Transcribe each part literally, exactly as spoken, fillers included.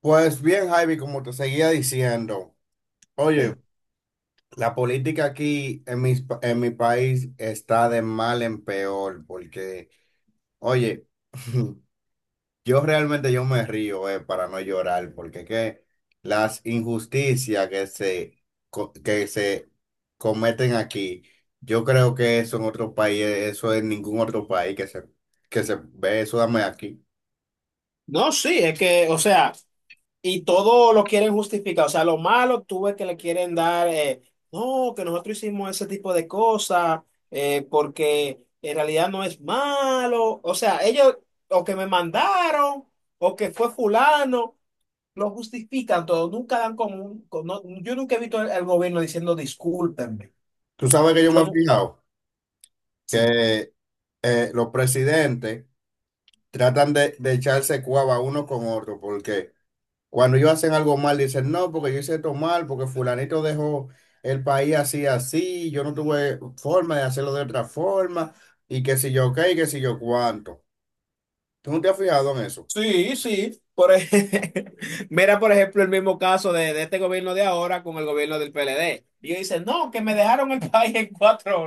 Pues bien, Javi, como te seguía diciendo, oye, Sí. la política aquí en mis pa- en mi país está de mal en peor, porque, oye, yo realmente yo me río, eh, para no llorar, porque que las injusticias que se, co- que se cometen aquí, yo creo que eso en otro país, eh, eso en ningún otro país que se, que se ve, eso dame aquí. No, sí, es que, o sea, y todo lo quieren justificar. O sea, lo malo tú ves que le quieren dar, eh, no, que nosotros hicimos ese tipo de cosas, eh, porque en realidad no es malo. O sea, ellos, o que me mandaron, o que fue fulano, lo justifican todo. Nunca dan como un, con- no, yo nunca he visto al al gobierno diciendo discúlpenme. Tú sabes que yo me Yo he no, fijado sí. que eh, los presidentes tratan de, de echarse cuava uno con otro, porque cuando ellos hacen algo mal, dicen, no, porque yo hice esto mal, porque fulanito dejó el país así, así, yo no tuve forma de hacerlo de otra forma, y que si yo qué, y que si yo cuánto. ¿Tú no te has fijado en eso? Sí, sí. Por ej- Mira, por ejemplo, el mismo caso de, de este gobierno de ahora con el gobierno del P L D. Y ellos dicen, no, que me dejaron el país en cuatro.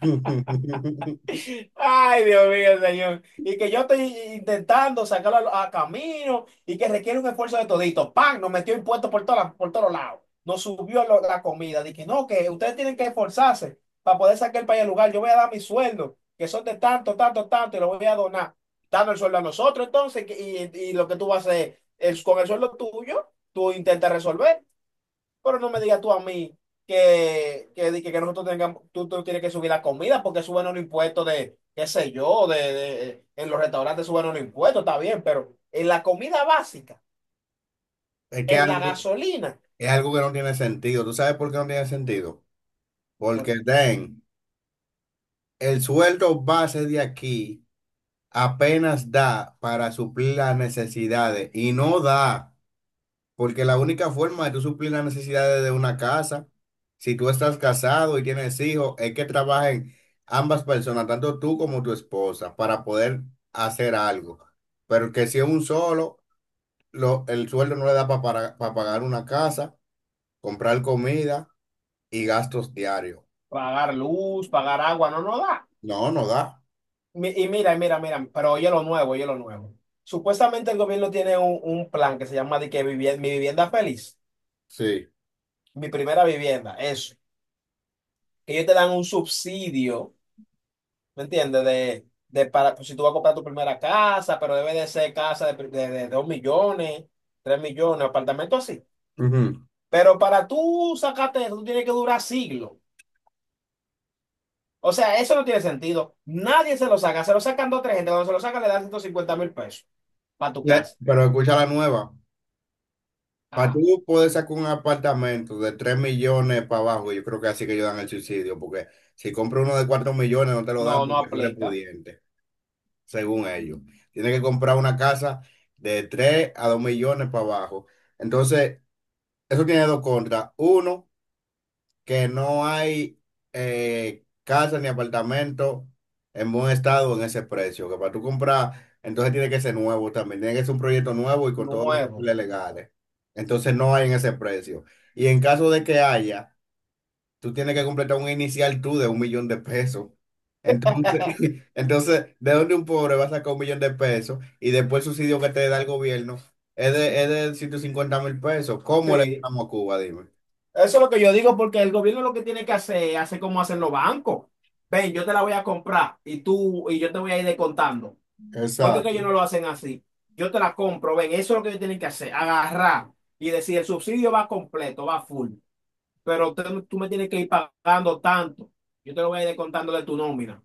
Ay, Dios mío, señor. Y que yo estoy intentando sacarlo a, a camino y que requiere un esfuerzo de todito. ¡Pam! Nos metió impuestos por, todas las- por todos lados. Nos subió lo- la comida. Dije, no, que ustedes tienen que esforzarse para poder sacar el país del lugar. Yo voy a dar mi sueldo, que son de tanto, tanto, tanto, y lo voy a donar. Dando el sueldo a nosotros, entonces, que- y, y lo que tú vas a hacer es con el sueldo tuyo, tú intentas resolver. Pero no me digas tú a mí que, que, di- que, que nosotros tengamos, tú, tú tienes que subir la comida porque suben los impuestos de, qué sé yo, de, de- en los restaurantes suben los impuestos, está bien, pero en la comida básica, Es que en la algo- gasolina, es algo que no tiene sentido. ¿Tú sabes por qué no tiene sentido? Porque, porque den, el sueldo base de aquí apenas da para suplir las necesidades y no da. Porque la única forma de tú suplir las necesidades de una casa, si tú estás casado y tienes hijos, es que trabajen ambas personas, tanto tú como tu esposa, para poder hacer algo. Pero que si es un solo, lo- el sueldo no le da pa- para, para pagar una casa, comprar comida y gastos diarios. pagar luz, pagar agua no nos da. No, no da. Mi- Y mira, y mira, mira, pero oye lo nuevo, oye lo nuevo. Supuestamente el gobierno tiene un, un plan que se llama de que vivi- mi vivienda feliz, Sí. mi primera vivienda, eso. Que ellos te dan un subsidio. ¿Me entiendes? De, de para, pues, si tú vas a comprar tu primera casa, pero debe de ser casa de, pri- de, de dos millones, tres millones, apartamento así. Ujú. Pero para tú sacarte eso, tú tienes que durar siglos. O sea, eso no tiene sentido. Nadie se lo saca. Se lo sacan dos o tres gente. Cuando se lo sacan, le dan ciento cincuenta mil pesos para tu Le- casa. Pero escucha la nueva. Para Ajá. tú poder sacar un apartamento de tres millones para abajo, yo creo que así que ellos dan el subsidio, porque si compras uno de cuatro millones no te lo dan No, no porque tú eres aplica. pudiente, según ellos. Tienes que comprar una casa de tres a dos millones para abajo. Entonces, eso tiene dos contras. Uno, que no hay eh, casa ni apartamento en buen estado en ese precio, que para tú comprar, entonces tiene que ser nuevo también, tiene que ser un proyecto nuevo y con todos los Nuevo. papeles legales. Entonces no hay en ese precio. Y en caso de que haya, tú tienes que completar un inicial tú de un millón de pesos. Entonces, entonces, ¿de dónde un pobre va a sacar un millón de pesos y después el subsidio que te da el gobierno es de, es de ciento cincuenta mil pesos? ¿Cómo le Sí. damos a Cuba? Dime. Eso es lo que yo digo, porque el gobierno lo que tiene que hacer es hacer como hacen los bancos. Ven, yo te la voy a comprar y tú y yo te voy a ir descontando. Porque que ellos Exacto. no lo hacen así. Yo te la compro, ven, eso es lo que yo tienen que hacer, agarrar y decir, el subsidio va completo, va full, pero tú, tú me tienes que ir pagando tanto, yo te lo voy a ir descontando de tu nómina.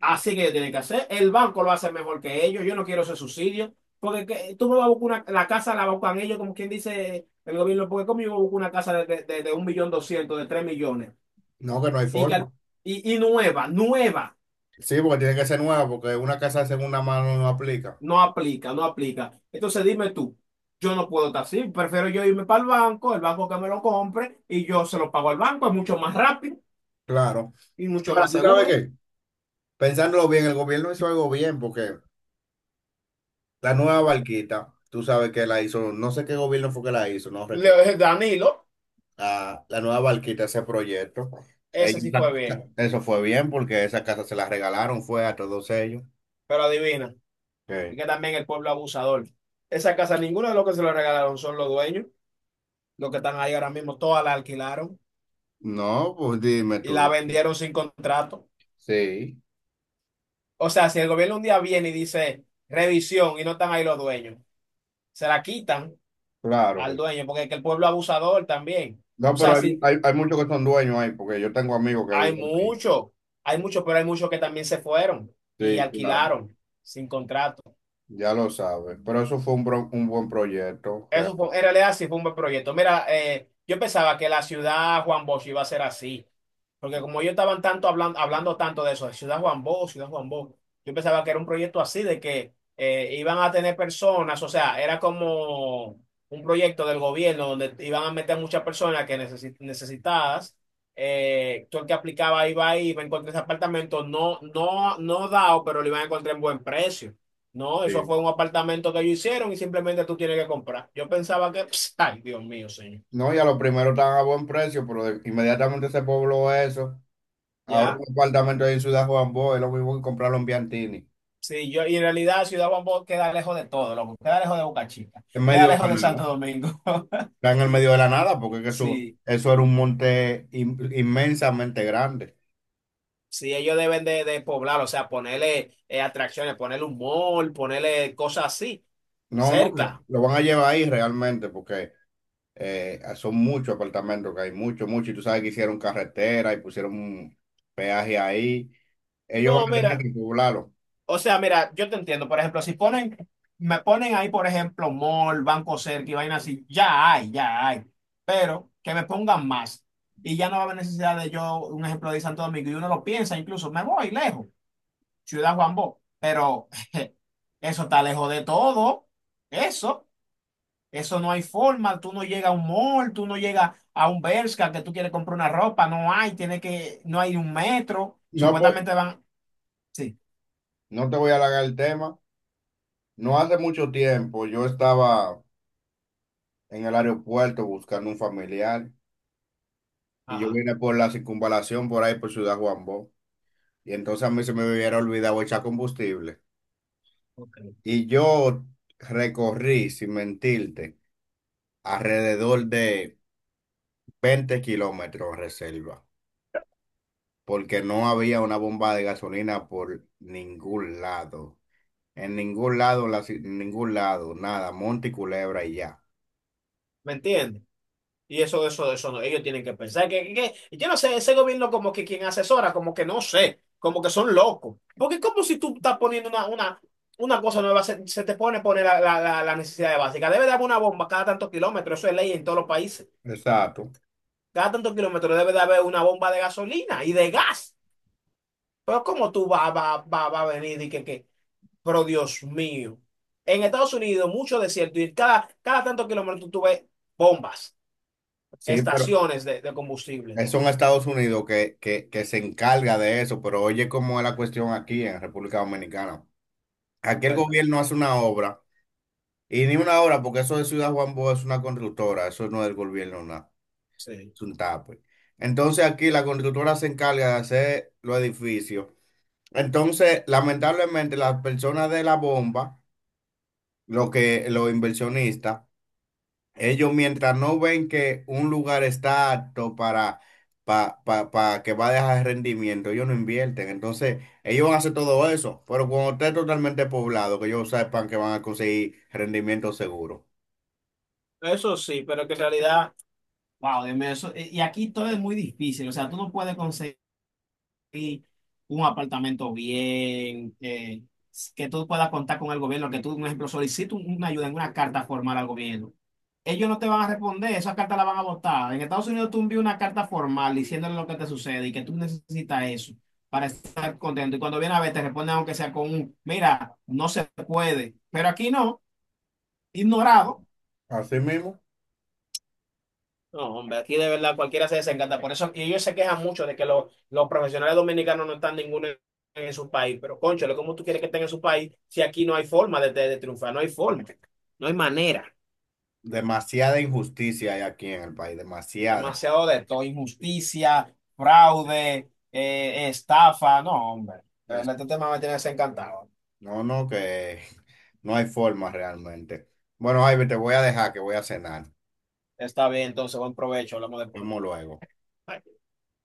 Así que yo tienen que hacer, el banco lo hace mejor que ellos, yo no quiero ese subsidio, porque que- tú me vas a buscar una, la casa la buscan ellos, como quien dice el gobierno, porque como yo voy a buscar una casa de, de, de, de un millón doscientos, de tres millones, No, que no hay y, que, al- forma. y, y nueva, nueva. Sí, porque tiene que ser nueva, porque una casa en una mano no aplica. No aplica, no aplica. Entonces dime tú, yo no puedo estar así, prefiero yo irme para el banco, el banco que me lo compre y yo se lo pago al banco, es mucho más rápido Claro. y mucho Ahora, más ¿tú sabes seguro. qué? Pensándolo bien, el gobierno hizo algo bien, porque la nueva barquita, tú sabes que la hizo, no sé qué gobierno fue que la hizo, no recuerdo. Le- Danilo, Ah, la nueva barquita, ese proyecto, ese ellos, sí fue bien, eso fue bien, porque esa casa se la regalaron, fue a todos ellos. pero adivina, y Sí. que también el pueblo abusador. Esa casa, ninguno de los que se lo regalaron son los dueños, los que están ahí ahora mismo, todas la alquilaron No, pues dime y tú. la Dime. vendieron sin contrato. Sí, O sea, si el gobierno un día viene y dice revisión y no están ahí los dueños, se la quitan claro al que sí. dueño, porque es que el pueblo abusador también. O No, pero sea, hay, sí, hay, hay muchos que son dueños ahí, porque yo tengo amigos que hay viven ahí. muchos, hay muchos, pero hay muchos que también se fueron y Sí, claro. alquilaron sin contrato. Ya lo sabes, pero eso fue un, bro- un buen proyecto, Eso realmente. fue, en realidad sí fue un buen proyecto. Mira, eh, yo pensaba que la ciudad Juan Bosch iba a ser así, porque como ellos estaban tanto hablando, hablando tanto de eso, de ciudad Juan Bosch, ciudad Juan Bosch, yo pensaba que era un proyecto así, de que eh, iban a tener personas, o sea, era como un proyecto del gobierno donde iban a meter muchas personas que necesi- necesitadas. Eh, tú el que aplicaba iba ahí, iba a encontrar ese apartamento, no, no, no dado, pero lo iban a encontrar en buen precio. No, eso fue Sí. un apartamento que ellos hicieron y simplemente tú tienes que comprar. Yo pensaba que, pss, ay, Dios mío, señor. No, y a los primeros estaban a buen precio, pero de- inmediatamente se pobló eso. Ahora ¿Ya? un apartamento ahí en Ciudad Juan Bosch es lo mismo que comprarlo en Biantini, Sí, yo, y en realidad Ciudad Guambó queda lejos de todo, loco. Queda lejos de Boca Chica. en Queda medio de lejos de la nada. Santo Domingo. Está en el medio de la nada, porque es que eso, Sí, eso era un monte in- inmensamente grande. sí, ellos deben de, de poblar, o sea, ponerle eh, atracciones, ponerle un mall, ponerle cosas así, No, no, que cerca. lo van a llevar ahí realmente, porque eh, son muchos apartamentos que hay, muchos, muchos. Y tú sabes que hicieron carretera y pusieron un peaje ahí. Ellos van No, a tener mira. que poblarlo. O sea, mira, yo te entiendo. Por ejemplo, si ponen, me ponen ahí, por ejemplo, mall, Banco Cerca y vaina así, ya hay, ya hay. Pero que me pongan más. Y ya no va a haber necesidad de yo, un ejemplo de Santo Domingo, y uno lo piensa incluso, me voy lejos, Ciudad Juan Bó. Pero eso está lejos de todo. Eso, eso no hay forma. Tú no llegas a un mall, tú no llegas a un Bershka que tú quieres comprar una ropa, no hay, tiene que, no hay un metro. No, po- Supuestamente van, sí. No te voy a alargar el tema. No hace mucho tiempo yo estaba en el aeropuerto buscando un familiar y yo Ajá, vine por la circunvalación por ahí por Ciudad Juan Bó. Y entonces a mí se me hubiera olvidado echar combustible. ok. Y yo recorrí, sin mentirte, alrededor de veinte kilómetros reserva, porque no había una bomba de gasolina por ningún lado. En ningún lado, la ci- en ningún lado, nada, monte y culebra y ya. ¿Me entiendes? Y eso, eso, eso no. Ellos tienen que pensar que, que- que- yo no sé, ese gobierno como que quien asesora, como que no sé, como que son locos. Porque es como si tú estás poniendo una, una, una cosa nueva, se, se te pone poner la, la, la, la necesidad básica. Debe de haber una bomba cada tantos kilómetros, eso es ley en todos los países. Exacto. Cada tantos kilómetros debe de haber una bomba de gasolina y de gas. Pero ¿cómo tú vas va, va, va va a venir y que, que, pero Dios mío? En Estados Unidos, mucho desierto y cada, cada tantos kilómetros tú ves bombas, Sí, pero estaciones de, de combustible. eso en Estados Unidos que, que, que se encarga de eso, pero oye cómo es la cuestión aquí en República Dominicana. Aquí el Bueno. gobierno hace una obra, y ni una obra, porque eso de Ciudad Juan Bosch es una constructora, eso no es del gobierno, nada, Sí, es un tape. Entonces aquí la constructora se encarga de hacer los edificios. Entonces, lamentablemente, las personas de la bomba, lo que, los inversionistas, ellos mientras no ven que un lugar está apto para, pa, pa- pa que va a dejar rendimiento, ellos no invierten. Entonces, ellos van a hacer todo eso. Pero cuando esté totalmente poblado, que ellos sepan que van a conseguir rendimiento seguro. eso sí, pero que en realidad, wow, Dios mío, eso, y y aquí todo es muy difícil, o sea, tú no puedes conseguir un apartamento bien, eh, que tú puedas contar con el gobierno, que tú, por ejemplo, solicitas un- una ayuda en una carta formal al gobierno. Ellos no te van a responder, esas cartas las van a botar. En Estados Unidos tú envías una carta formal diciéndole lo que te sucede y que tú necesitas eso para estar contento. Y cuando viene a ver, te responden aunque sea con un, mira, no se puede, pero aquí no, ignorado. Así mismo. No, hombre, aquí de verdad cualquiera se desencanta. Por eso, y ellos se quejan mucho de que los, los profesionales dominicanos no están ninguno en, en su país. Pero, cónchale, ¿cómo tú quieres que estén en su país si aquí no hay forma de, de- de triunfar? No hay forma. No hay manera. Demasiada injusticia hay aquí en el país, demasiada. Demasiado de todo. Injusticia, fraude, eh, estafa. No, hombre. De Es- verdad, este tema me tiene desencantado. No, no, que no hay forma realmente. Bueno, Ivy, te voy a dejar que voy a cenar. Nos Está bien, entonces, buen provecho. Hablamos después. vemos luego. Bye.